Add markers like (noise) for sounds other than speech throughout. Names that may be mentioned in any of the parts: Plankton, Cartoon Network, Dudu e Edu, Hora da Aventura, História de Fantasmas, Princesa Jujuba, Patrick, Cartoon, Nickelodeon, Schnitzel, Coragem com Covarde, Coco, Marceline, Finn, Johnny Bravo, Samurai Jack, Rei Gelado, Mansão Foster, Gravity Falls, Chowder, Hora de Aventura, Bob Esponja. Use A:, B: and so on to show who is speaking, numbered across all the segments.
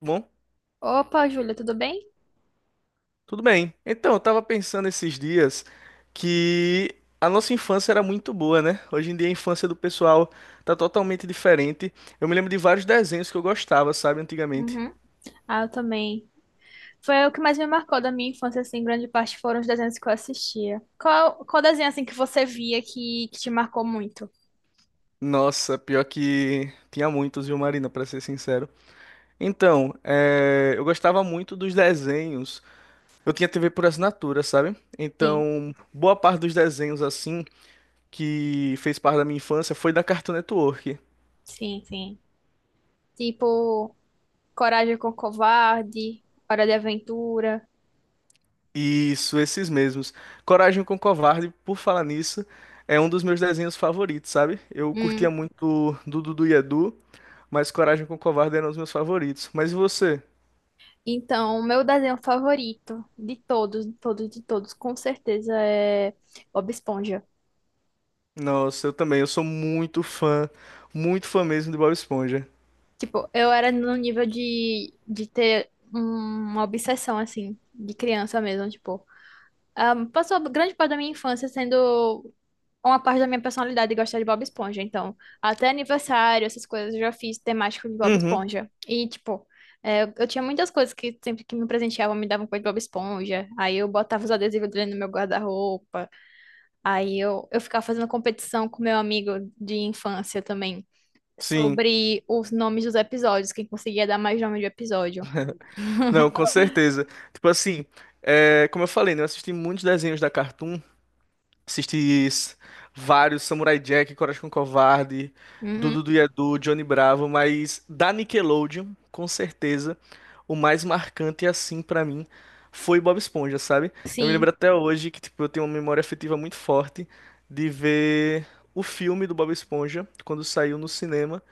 A: Bom,
B: Opa, Júlia, tudo bem?
A: tudo bem. Então, eu tava pensando esses dias que a nossa infância era muito boa, né? Hoje em dia a infância do pessoal tá totalmente diferente. Eu me lembro de vários desenhos que eu gostava, sabe, antigamente.
B: Uhum. Ah, eu também. Foi o que mais me marcou da minha infância, assim, grande parte foram os desenhos que eu assistia. Qual desenho, assim, que você via que te marcou muito?
A: Nossa, pior que tinha muitos, viu, Marina, pra ser sincero. Então, eu gostava muito dos desenhos. Eu tinha TV por assinatura, sabe?
B: Sim,
A: Então, boa parte dos desenhos, assim, que fez parte da minha infância foi da Cartoon Network.
B: sim, sim. Tipo, Coragem com Covarde, Hora de Aventura.
A: Isso, esses mesmos. Coragem com Covarde, por falar nisso, é um dos meus desenhos favoritos, sabe? Eu
B: Hum.
A: curtia muito do Dudu e Edu, mas Coragem com Covarde era um dos meus favoritos. Mas e você?
B: Então, o meu desenho favorito de todos, de todos, de todos, com certeza é Bob Esponja.
A: Nossa, eu também, eu sou muito fã mesmo de Bob Esponja.
B: Tipo, eu era no nível de ter uma obsessão, assim, de criança mesmo, tipo. Passou grande parte da minha infância sendo uma parte da minha personalidade de gostar de Bob Esponja. Então, até aniversário, essas coisas, eu já fiz temático de Bob
A: Uhum,
B: Esponja. E, tipo, eu tinha muitas coisas que sempre que me presenteavam me davam coisa de Bob Esponja. Aí eu botava os adesivos dele no meu guarda-roupa. Aí eu ficava fazendo competição com meu amigo de infância também,
A: sim.
B: sobre os nomes dos episódios, quem conseguia dar mais nome de episódio.
A: Não, com
B: (laughs)
A: certeza. Tipo assim, como eu falei, né, eu assisti muitos desenhos da Cartoon. Assisti s- Vários Samurai Jack, Coragem com o Covarde,
B: Uhum.
A: Dudu do Edu, Johnny Bravo, mas da Nickelodeon, com certeza, o mais marcante assim pra mim foi Bob Esponja, sabe? Eu me
B: Sim.
A: lembro até hoje que tipo eu tenho uma memória afetiva muito forte de ver o filme do Bob Esponja quando saiu no cinema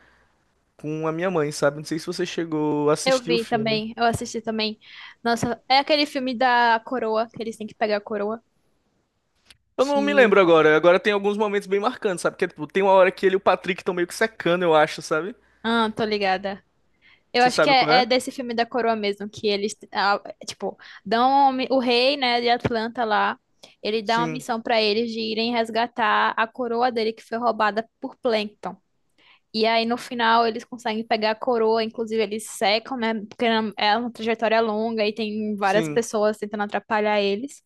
A: com a minha mãe, sabe? Não sei se você chegou a
B: Eu
A: assistir o
B: vi
A: filme.
B: também, eu assisti também. Nossa, é aquele filme da coroa, que eles têm que pegar a coroa,
A: Eu não me
B: que...
A: lembro agora. Agora tem alguns momentos bem marcantes, sabe? Porque tipo, tem uma hora que ele e o Patrick estão meio que secando, eu acho, sabe?
B: Ah, tô ligada. Eu
A: Você
B: acho que
A: sabe qual
B: é
A: é?
B: desse filme da coroa mesmo, que eles, ah, tipo, dão uma o rei, né, de Atlanta lá, ele dá uma
A: Sim,
B: missão pra eles de irem resgatar a coroa dele que foi roubada por Plankton. E aí, no final, eles conseguem pegar a coroa, inclusive eles secam, né? Porque é uma trajetória longa e tem várias
A: sim.
B: pessoas tentando atrapalhar eles.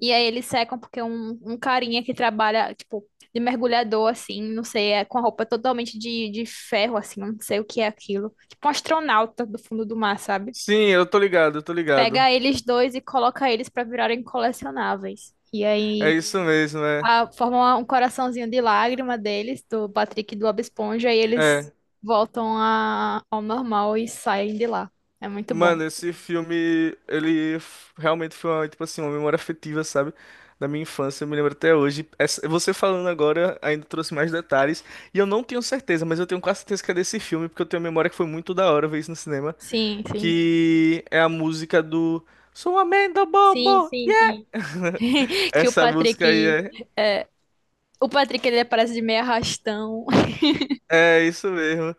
B: E aí, eles secam porque um carinha que trabalha, tipo, de mergulhador, assim, não sei, é com a roupa totalmente de ferro, assim, não sei o que é aquilo. Tipo um astronauta do fundo do mar, sabe?
A: Sim, eu tô ligado, eu tô ligado.
B: Pega eles dois e coloca eles pra virarem colecionáveis. E
A: É
B: aí,
A: isso mesmo, é.
B: formam um coraçãozinho de lágrima deles, do Patrick e do Bob Esponja, e eles
A: É.
B: voltam ao normal e saem de lá. É muito bom.
A: Mano, esse filme, ele realmente foi uma, tipo assim, uma memória afetiva, sabe? Da minha infância, eu me lembro até hoje. Você falando agora ainda trouxe mais detalhes. E eu não tenho certeza, mas eu tenho quase certeza que é desse filme, porque eu tenho uma memória que foi muito da hora ver isso no cinema.
B: Sim, sim.
A: Que é a música do Sou amendo
B: Sim,
A: bobo!
B: sim,
A: Yeah!
B: sim. (laughs) Que o
A: Essa música aí
B: Patrick.
A: é.
B: É, o Patrick ele aparece de meio arrastão.
A: É isso mesmo.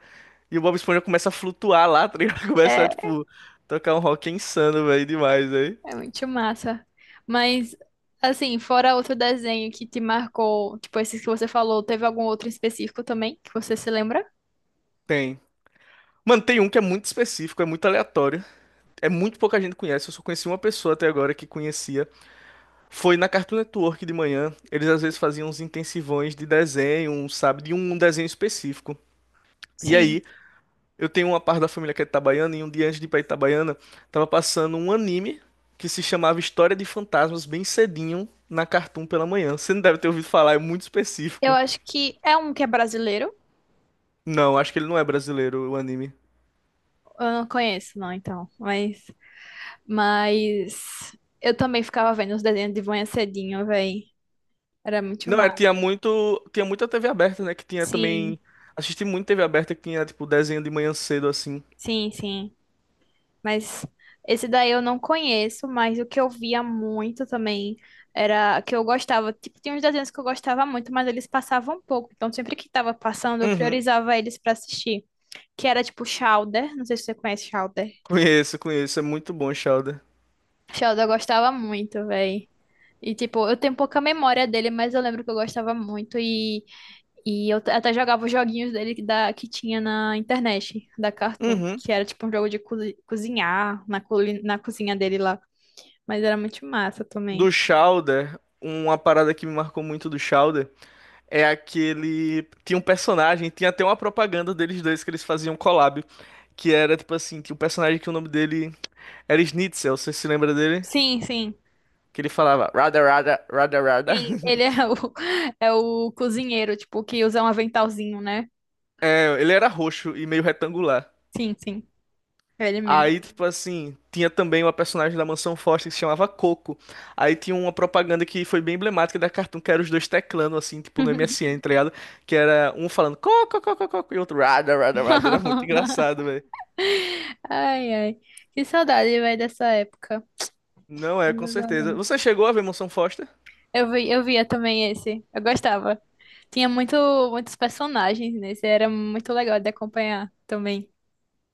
A: E o Bob Esponja começa a flutuar lá, tá ligado? (laughs) Começa a,
B: (laughs)
A: tipo, tocar um rock insano, velho, demais, velho.
B: É muito massa. Mas, assim, fora outro desenho que te marcou, tipo esses que você falou, teve algum outro específico também que você se lembra?
A: Tem. Mano, tem um que é muito específico, é muito aleatório. É muito pouca gente conhece. Eu só conheci uma pessoa até agora que conhecia. Foi na Cartoon Network de manhã. Eles às vezes faziam uns intensivões de desenho, um, sabe, de um desenho específico. E
B: Sim.
A: aí, eu tenho uma parte da família que é itabaiana, e um dia antes de ir pra Itabaiana, tava passando um anime que se chamava História de Fantasmas bem cedinho na Cartoon pela manhã. Você não deve ter ouvido falar, é muito
B: Eu
A: específico.
B: acho que é um que é brasileiro.
A: Não, acho que ele não é brasileiro, o anime.
B: Eu não conheço, não, então. Mas eu também ficava vendo os desenhos de manhã cedinho, véi. Era muito
A: Não,
B: massa.
A: tinha muita TV aberta, né? Que tinha
B: Sim,
A: também. Assisti muito TV aberta que tinha, tipo, desenho de manhã cedo, assim.
B: sim, sim. Mas esse daí eu não conheço, mas o que eu via muito também era que eu gostava. Tipo, tinha uns desenhos que eu gostava muito, mas eles passavam pouco. Então, sempre que tava passando, eu
A: Uhum.
B: priorizava eles pra assistir. Que era tipo Chowder. Não sei se você conhece Chowder.
A: Conheço, conheço. É muito bom, Chowder.
B: Chowder eu gostava muito, véi. E tipo, eu tenho pouca memória dele, mas eu lembro que eu gostava muito. E eu até jogava os joguinhos dele que tinha na internet, da Cartoon.
A: Uhum.
B: Que era tipo um jogo de cozinhar na, na cozinha dele lá. Mas era muito massa
A: Do
B: também.
A: Chowder, uma parada que me marcou muito do Chowder é aquele. Tinha um personagem, tinha até uma propaganda deles dois que eles faziam um collab. Que era, tipo assim, que o personagem que o nome dele era Schnitzel, você se lembra dele?
B: Sim, sim,
A: Que ele falava, rada, rada, rada, rada.
B: sim.
A: (laughs)
B: (laughs) É o cozinheiro, tipo, que usa um aventalzinho, né?
A: É, ele era roxo e meio retangular.
B: Sim, sim. É ele mesmo.
A: Aí, tipo assim, tinha também uma personagem da Mansão Foster que se chamava Coco. Aí tinha uma propaganda que foi bem emblemática da Cartoon, que era os dois teclando, assim, tipo no MSN, tá ligado? Que era um falando Coco, Coco, Coco, e outro Rada, Rada, Rada. Era muito engraçado,
B: (laughs)
A: velho.
B: Ai, ai. Que saudade, velho, dessa época.
A: Não é, com certeza. Você chegou a ver Mansão Foster?
B: Eu vi, eu via também esse. Eu gostava. Tinha muito, muitos personagens nesse. Era muito legal de acompanhar também.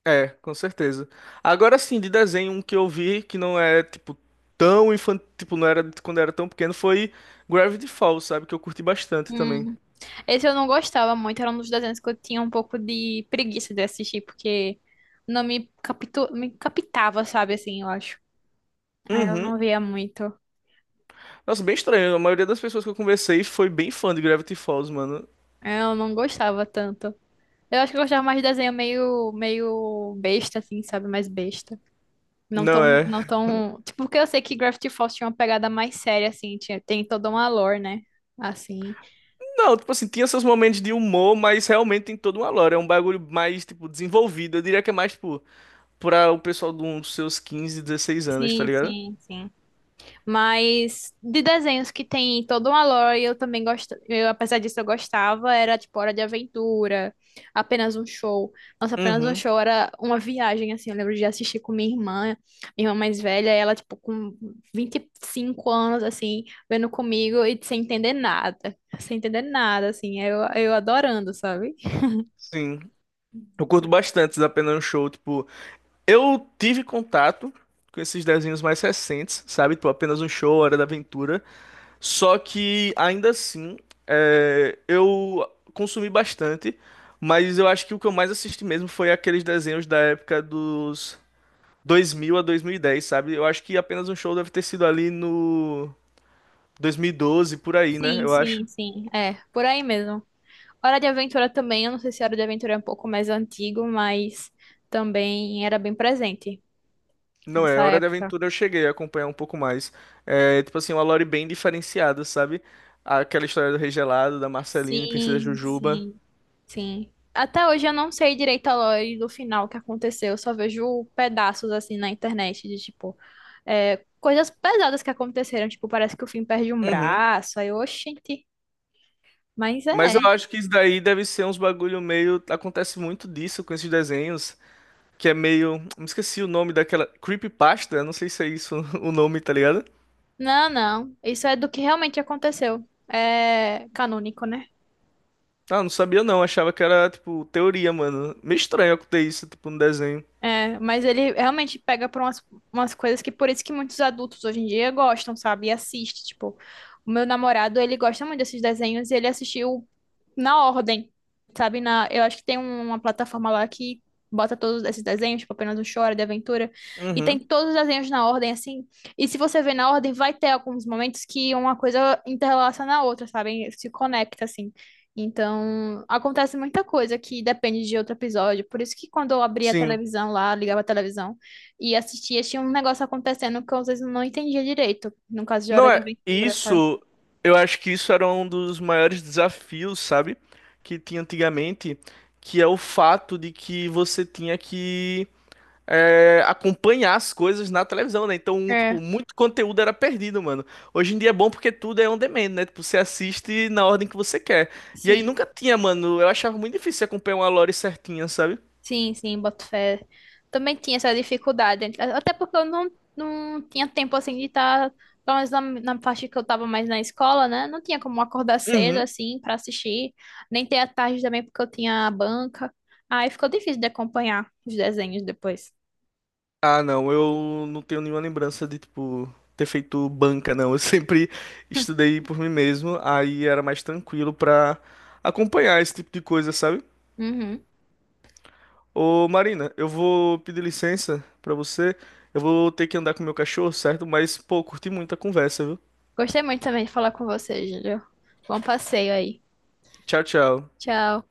A: É, com certeza. Agora sim, de desenho, um que eu vi que não é, tipo, tão infantil, tipo, não era de quando eu era tão pequeno, foi Gravity Falls, sabe? Que eu curti bastante também.
B: Esse eu não gostava muito, era um dos desenhos que eu tinha um pouco de preguiça de assistir, porque não me, capitu... me captava, sabe, assim, eu acho. Aí eu
A: Uhum.
B: não via muito.
A: Nossa, bem estranho. A maioria das pessoas que eu conversei foi bem fã de Gravity Falls, mano.
B: Eu não gostava tanto. Eu acho que eu gostava mais de desenho meio, meio besta, assim, sabe? Mais besta. Não
A: Não
B: tão,
A: é.
B: não tão... Tipo, porque eu sei que Gravity Falls tinha uma pegada mais séria, assim, tinha, tem toda uma lore, né? Assim.
A: Não, tipo assim, tinha seus momentos de humor, mas realmente tem toda uma lore. É um bagulho mais, tipo, desenvolvido. Eu diria que é mais, tipo, pra o pessoal de uns seus 15, 16 anos, tá
B: Sim,
A: ligado?
B: sim, sim. Mas de desenhos que tem toda uma lore, eu também gosto. Eu, apesar disso, eu gostava. Era tipo Hora de Aventura, apenas um show. Nossa, apenas um
A: Uhum,
B: show era uma viagem, assim. Eu lembro de assistir com minha irmã mais velha, e ela, tipo, com 25 anos, assim, vendo comigo e sem entender nada. Sem entender nada, assim. Eu adorando, sabe?
A: sim. Eu curto bastante da Pena Show, tipo, eu tive contato com esses desenhos mais recentes, sabe? Tipo, apenas um show, Hora da Aventura. Só que ainda assim, eu consumi bastante, mas eu acho que o que eu mais assisti mesmo foi aqueles desenhos da época dos 2000 a 2010, sabe? Eu acho que apenas um show deve ter sido ali no 2012 por aí, né?
B: Sim,
A: Eu acho.
B: sim, sim. É, por aí mesmo. Hora de Aventura também, eu não sei se Hora de Aventura é um pouco mais antigo, mas também era bem presente
A: Não é,
B: nessa
A: Hora da
B: época.
A: Aventura eu cheguei a acompanhar um pouco mais. É, tipo assim, uma lore bem diferenciada, sabe? Aquela história do Rei Gelado, da Marceline, Princesa
B: Sim,
A: Jujuba.
B: sim, sim. Até hoje eu não sei direito a lore do final que aconteceu, eu só vejo pedaços assim na internet de tipo coisas pesadas que aconteceram, tipo, parece que o Finn perde um
A: Uhum.
B: braço, aí, oxente, mas
A: Mas eu
B: é.
A: acho que isso daí deve ser uns bagulho meio. Acontece muito disso com esses desenhos, que é meio. Me esqueci o nome daquela. Creepypasta? Não sei se é isso (laughs) o nome, tá ligado?
B: Não, não, isso é do que realmente aconteceu. É canônico, né?
A: Ah, não sabia não. Achava que era, tipo, teoria, mano. Meio estranho acontecer isso, tipo, no desenho.
B: É, mas ele realmente pega por umas, umas coisas que por isso que muitos adultos hoje em dia gostam, sabe? E assiste, tipo, o meu namorado, ele gosta muito desses desenhos e ele assistiu na ordem, sabe? Na, eu acho que tem uma plataforma lá que bota todos esses desenhos, tipo apenas o Chora, de Aventura, e tem
A: Uhum.
B: todos os desenhos na ordem, assim. E se você vê na ordem, vai ter alguns momentos que uma coisa interrelaciona a outra, sabe? Se conecta, assim. Então, acontece muita coisa que depende de outro episódio. Por isso que quando eu abria a
A: Sim.
B: televisão lá, ligava a televisão e assistia, tinha um negócio acontecendo que eu, às vezes eu não entendia direito. No caso de Hora
A: Não
B: de
A: é.
B: Aventura, sabe?
A: Isso. Eu acho que isso era um dos maiores desafios, sabe? Que tinha antigamente, que é o fato de que você tinha que acompanhar as coisas na televisão, né? Então,
B: É,
A: tipo, muito conteúdo era perdido, mano. Hoje em dia é bom porque tudo é on demand, né? Tipo, você assiste na ordem que você quer. E aí
B: sim.
A: nunca tinha, mano. Eu achava muito difícil acompanhar uma lore certinha, sabe?
B: Sim, sim, boto fé. Também tinha essa dificuldade. Até porque eu não, não tinha tempo assim de estar, pelo menos na parte que eu estava mais na escola, né? Não tinha como acordar cedo
A: Uhum.
B: assim para assistir, nem ter a tarde também porque eu tinha a banca. Aí ficou difícil de acompanhar os desenhos depois.
A: Ah, não, eu não tenho nenhuma lembrança de, tipo, ter feito banca, não. Eu (laughs) sempre
B: (laughs)
A: estudei por mim mesmo, aí era mais tranquilo pra acompanhar esse tipo de coisa, sabe?
B: Uhum.
A: Ô Marina, eu vou pedir licença pra você. Eu vou ter que andar com meu cachorro, certo? Mas, pô, curti muito a conversa, viu?
B: Gostei muito também de falar com você, Júlio. Bom passeio aí.
A: Tchau, tchau.
B: Tchau.